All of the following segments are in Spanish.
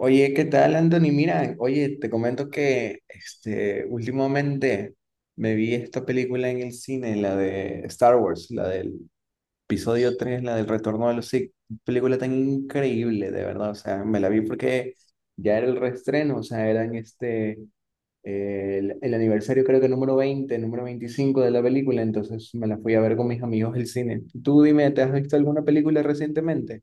Oye, ¿qué tal, Anthony? Mira, oye, te comento últimamente me vi esta película en el cine, la de Star Wars, la del episodio 3, la del Retorno de los Sith. Película tan increíble, de verdad. O sea, me la vi porque ya era el reestreno, o sea, era en el aniversario creo que número 20, número 25 de la película, entonces me la fui a ver con mis amigos del cine. Tú dime, ¿te has visto alguna película recientemente?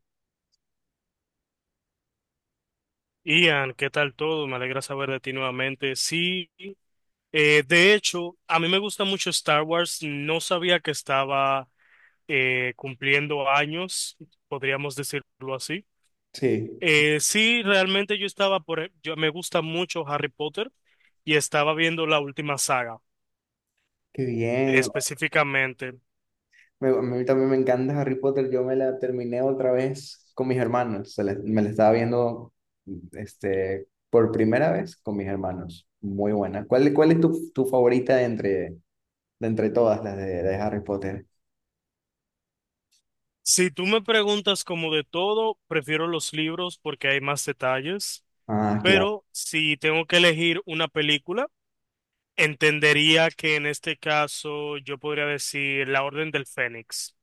Ian, ¿qué tal todo? Me alegra saber de ti nuevamente. Sí, de hecho, a mí me gusta mucho Star Wars. No sabía que estaba cumpliendo años, podríamos decirlo así. Sí, Sí, realmente yo estaba por, yo me gusta mucho Harry Potter y estaba viendo la última saga qué bien. específicamente. A mí también me encanta Harry Potter. Yo me la terminé otra vez con mis hermanos. Me la estaba viendo por primera vez con mis hermanos. Muy buena. ¿Cuál es tu favorita de entre todas las de Harry Potter? Si tú me preguntas como de todo, prefiero los libros porque hay más detalles, Ah, claro. pero si tengo que elegir una película, entendería que en este caso yo podría decir la Orden del Fénix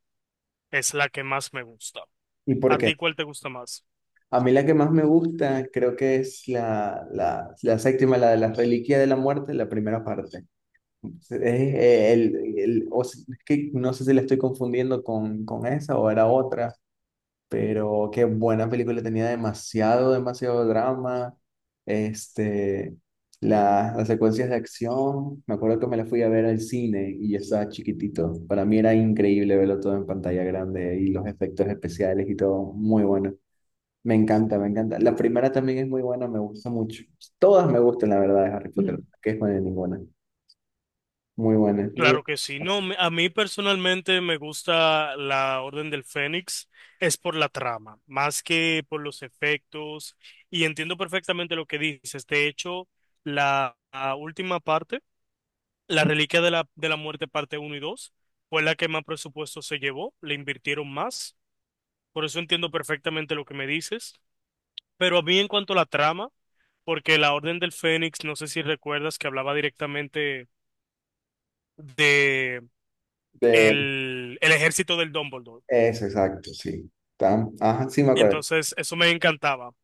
es la que más me gusta. ¿Y por ¿A qué? ti cuál te gusta más? A mí la que más me gusta creo que es la séptima, la de las Reliquias de la Muerte, la primera parte. Es, el- o s- Es que no sé si la estoy confundiendo con esa o era otra. Pero qué buena película, tenía demasiado, demasiado drama. Este, las secuencias de acción, me acuerdo que me la fui a ver al cine y yo estaba chiquitito. Para mí era increíble verlo todo en pantalla grande y los efectos especiales y todo, muy bueno. Me encanta, me encanta. La primera también es muy buena, me gusta mucho. Todas me gustan, la verdad, de Harry Potter, que es buena ninguna. Muy buena, muy Claro que sí. No, a mí personalmente me gusta la Orden del Fénix. Es por la trama, más que por los efectos. Y entiendo perfectamente lo que dices. De hecho, la última parte, la Reliquia de la Muerte parte uno y 2, fue la que más presupuesto se llevó. Le invirtieron más. Por eso entiendo perfectamente lo que me dices. Pero a mí en cuanto a la trama, porque la Orden del Fénix, no sé si recuerdas que hablaba directamente de de- el ejército del Dumbledore. Eso, exacto, sí. Ajá, sí me acuerdo. Entonces, eso me encantaba.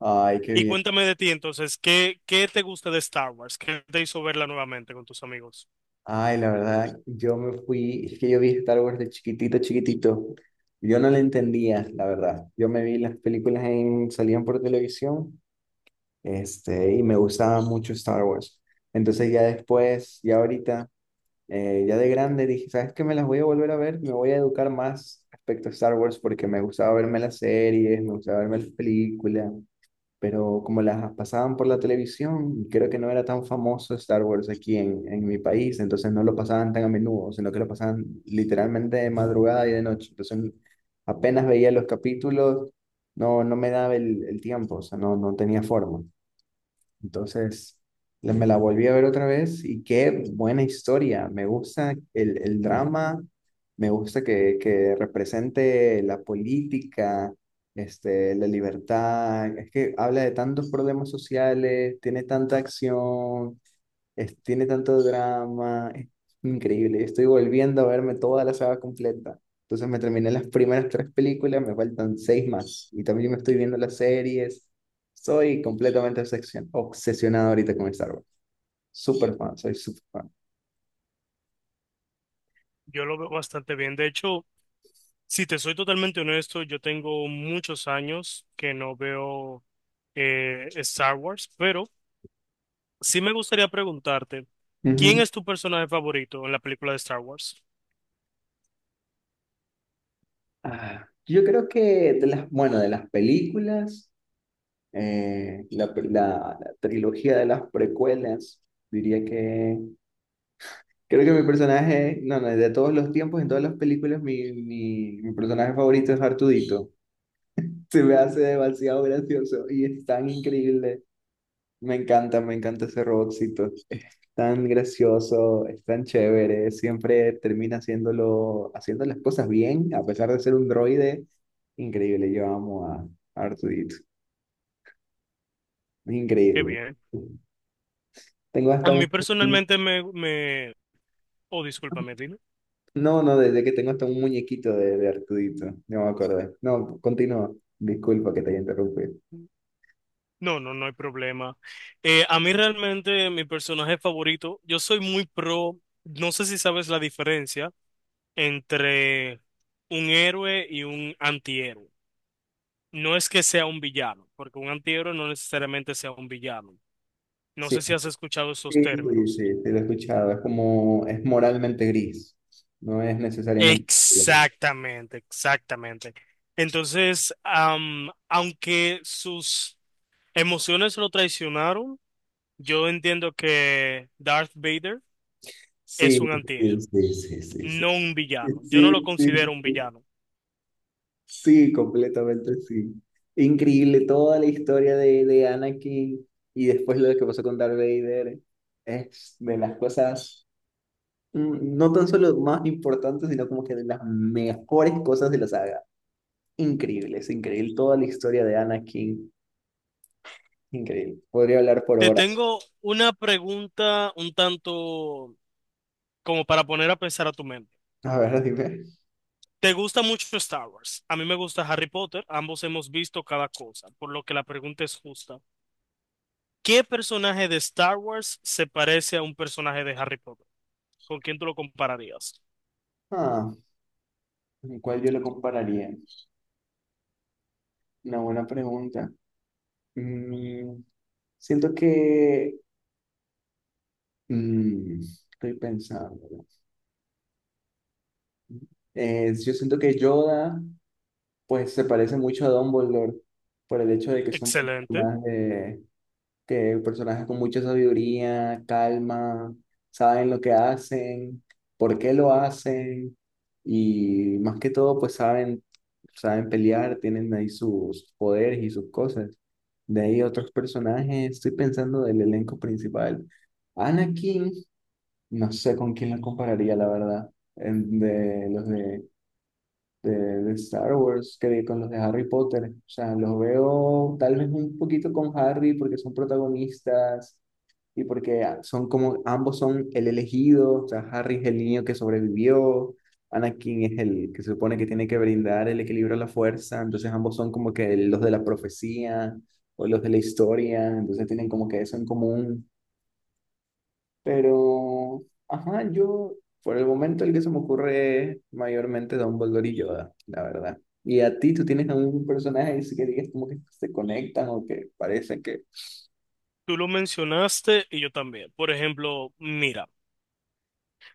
Ay, qué Y bien. cuéntame de ti, entonces, ¿qué te gusta de Star Wars? ¿Qué te hizo verla nuevamente con tus amigos? Ay, la verdad, yo me fui, es que yo vi Star Wars de chiquitito, chiquitito. Yo no le entendía, la verdad. Yo me vi las películas en, salían por televisión, y me gustaba mucho Star Wars. Entonces ya después, ya ahorita, ya de grande, dije, ¿sabes qué? Me las voy a volver a ver, me voy a educar más respecto a Star Wars porque me gustaba verme las series, me gustaba verme las películas pero como las pasaban por la televisión, creo que no era tan famoso Star Wars aquí en mi país, entonces no lo pasaban tan a menudo, sino que lo pasaban literalmente de madrugada y de noche. Entonces apenas veía los capítulos, no me daba el tiempo, o sea, no tenía forma. Entonces, me la volví a ver otra vez y qué buena historia. Me gusta el drama, me gusta que represente la política, la libertad. Es que habla de tantos problemas sociales, tiene tanta acción. Tiene tanto drama, es increíble. Estoy volviendo a verme toda la saga completa. Entonces me terminé las primeras 3 películas, me faltan 6 más. Y también me estoy viendo las series. Soy completamente obsesionado ahorita con Star Wars. Súper fan, soy súper fan. Yo lo veo bastante bien. De hecho, si te soy totalmente honesto, yo tengo muchos años que no veo Star Wars, pero sí me gustaría preguntarte, ¿quién Ujú. es tu personaje favorito en la película de Star Wars? Ah, yo creo que de las, bueno, de las películas, la trilogía de las precuelas, diría que... Creo que mi personaje, no, no, de todos los tiempos, en todas las películas, mi personaje favorito es Artudito. Se me hace demasiado gracioso y es tan increíble. Me encanta ese robotcito. Tan gracioso, es tan chévere, siempre termina haciéndolo, haciendo las cosas bien, a pesar de ser un droide. Increíble, yo amo a Artudito. Es Qué increíble. bien. Tengo A hasta mí un... personalmente me... Oh, discúlpame, dime. No, no, desde que tengo hasta un muñequito de Artudito, no me acuerdo. No, continúa, disculpa que te haya interrumpido. No, no, no hay problema. A mí realmente mi personaje favorito, yo soy muy pro, no sé si sabes la diferencia entre un héroe y un antihéroe. No es que sea un villano, porque un antihéroe no necesariamente sea un villano. No Sí, sé si has escuchado esos sí, sí, sí, términos. sí, lo he escuchado, es como, es moralmente gris, no es necesariamente... Exactamente, exactamente. Entonces, aunque sus emociones lo traicionaron, yo entiendo que Darth Vader es Sí, un sí, antihéroe, sí, sí, sí, sí, no un villano. Yo no lo sí, sí, considero un villano. sí, completamente sí. Increíble toda la historia de Anakin y después lo que pasó con Darth Vader, es de las cosas... no tan solo más importantes, sino como que de las mejores cosas de la saga. Increíble, es increíble. Toda la historia de Anakin, increíble. Podría hablar por Te horas. tengo una pregunta un tanto como para poner a pensar a tu mente. A ver, dime. ¿Te gusta mucho Star Wars? A mí me gusta Harry Potter. Ambos hemos visto cada cosa, por lo que la pregunta es justa. ¿Qué personaje de Star Wars se parece a un personaje de Harry Potter? ¿Con quién tú lo compararías? Ah, ¿con ¿Cuál yo lo compararía? Una buena pregunta. Mm, Siento que... mm, estoy pensando. Yo siento que Yoda, pues, se parece mucho a Dumbledore por el hecho de que son Excelente. personajes que personajes con mucha sabiduría, calma, saben lo que hacen, por qué lo hacen y más que todo pues saben, saben pelear, tienen ahí sus poderes y sus cosas. De ahí otros personajes, estoy pensando del elenco principal. Anakin, no sé con quién lo compararía la verdad, en- de los de... De, de Star Wars, que con los de Harry Potter, o sea, los veo tal vez un poquito con Harry porque son protagonistas, y porque son como, ambos son el elegido, o sea, Harry es el niño que sobrevivió, Anakin es el que se supone que tiene que brindar el equilibrio a la fuerza, entonces ambos son como que los de la profecía o los de la historia, entonces tienen como que eso en común, pero, ajá, yo, por el momento el que se me ocurre es mayormente Dumbledore y Yoda, la verdad. ¿Y a ti, tú tienes algún personaje así que digas como que se conectan o que parece que... Tú lo mencionaste y yo también. Por ejemplo, mira.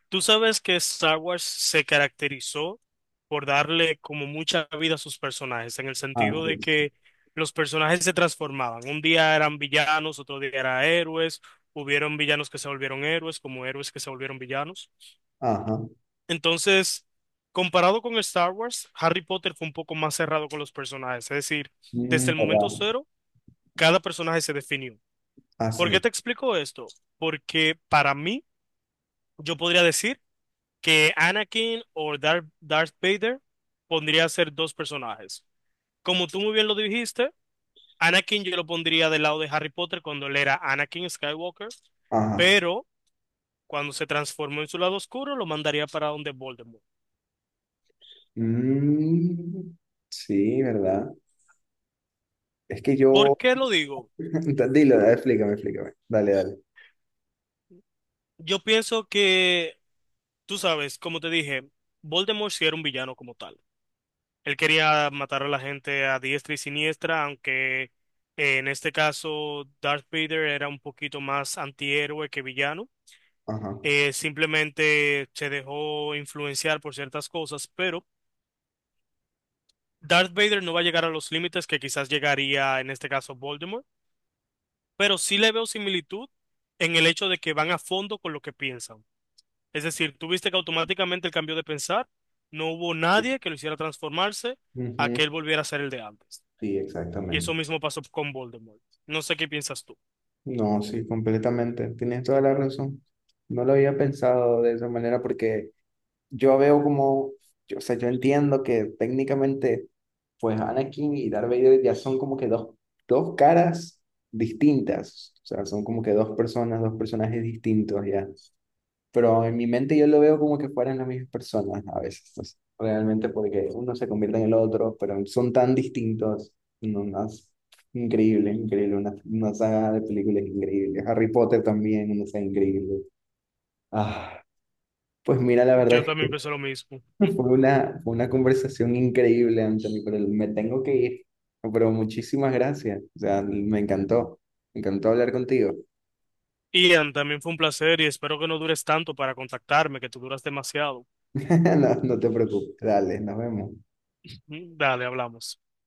Tú sabes que Star Wars se caracterizó por darle como mucha vida a sus personajes, en el sentido Así de es. que los personajes se transformaban. Un día eran villanos, otro día eran héroes, hubieron villanos que se volvieron héroes, como héroes que se volvieron villanos. Ajá. Entonces, comparado con Star Wars, Harry Potter fue un poco más cerrado con los personajes, es decir, desde Mm, el momento ¿verdad? cero, cada personaje se definió. ¿Por Así. qué te explico esto? Porque para mí, yo podría decir que Anakin o Darth Vader pondría a ser dos personajes. Como tú muy bien lo dijiste, Anakin yo lo pondría del lado de Harry Potter cuando él era Anakin Skywalker, Ajá. pero cuando se transformó en su lado oscuro lo mandaría para donde Voldemort. Mm, sí, ¿verdad? Es que ¿Por yo... qué lo digo? Dilo, dale, explícame, explícame. Dale, dale. Yo pienso que, tú sabes, como te dije, Voldemort sí era un villano como tal. Él quería matar a la gente a diestra y siniestra, aunque en este caso Darth Vader era un poquito más antihéroe que villano. Ajá. Simplemente se dejó influenciar por ciertas cosas, pero Darth Vader no va a llegar a los límites que quizás llegaría en este caso Voldemort, pero sí le veo similitud en el hecho de que van a fondo con lo que piensan. Es decir, tuviste que automáticamente el cambio de pensar, no hubo nadie que lo hiciera transformarse a que Ujú. él volviera a ser el de antes. Sí, Y eso exactamente. mismo pasó con Voldemort. No sé qué piensas tú. No, sí, completamente. Tienes toda la razón. No lo había pensado de esa manera porque yo veo como, yo, o sea, yo entiendo que técnicamente, pues Anakin y Darth Vader ya son como que dos caras distintas. O sea, son como que dos personas, dos personajes distintos ya. Pero en mi mente yo lo veo como que fueran las mismas personas a veces, entonces, realmente porque uno se convierte en el otro, pero son tan distintos, no, no, es increíble, increíble, una saga de películas increíble, Harry Potter también, una saga increíble. Ah, pues mira, la verdad Yo es también pensé que lo mismo. Mm. Fue una conversación increíble, Anthony, pero me tengo que ir, pero muchísimas gracias, o sea, me encantó hablar contigo, Ian, también fue un placer y espero que no dures tanto para contactarme, que tú duras demasiado. no, no te preocupes, dale, nos vemos. Dale, hablamos.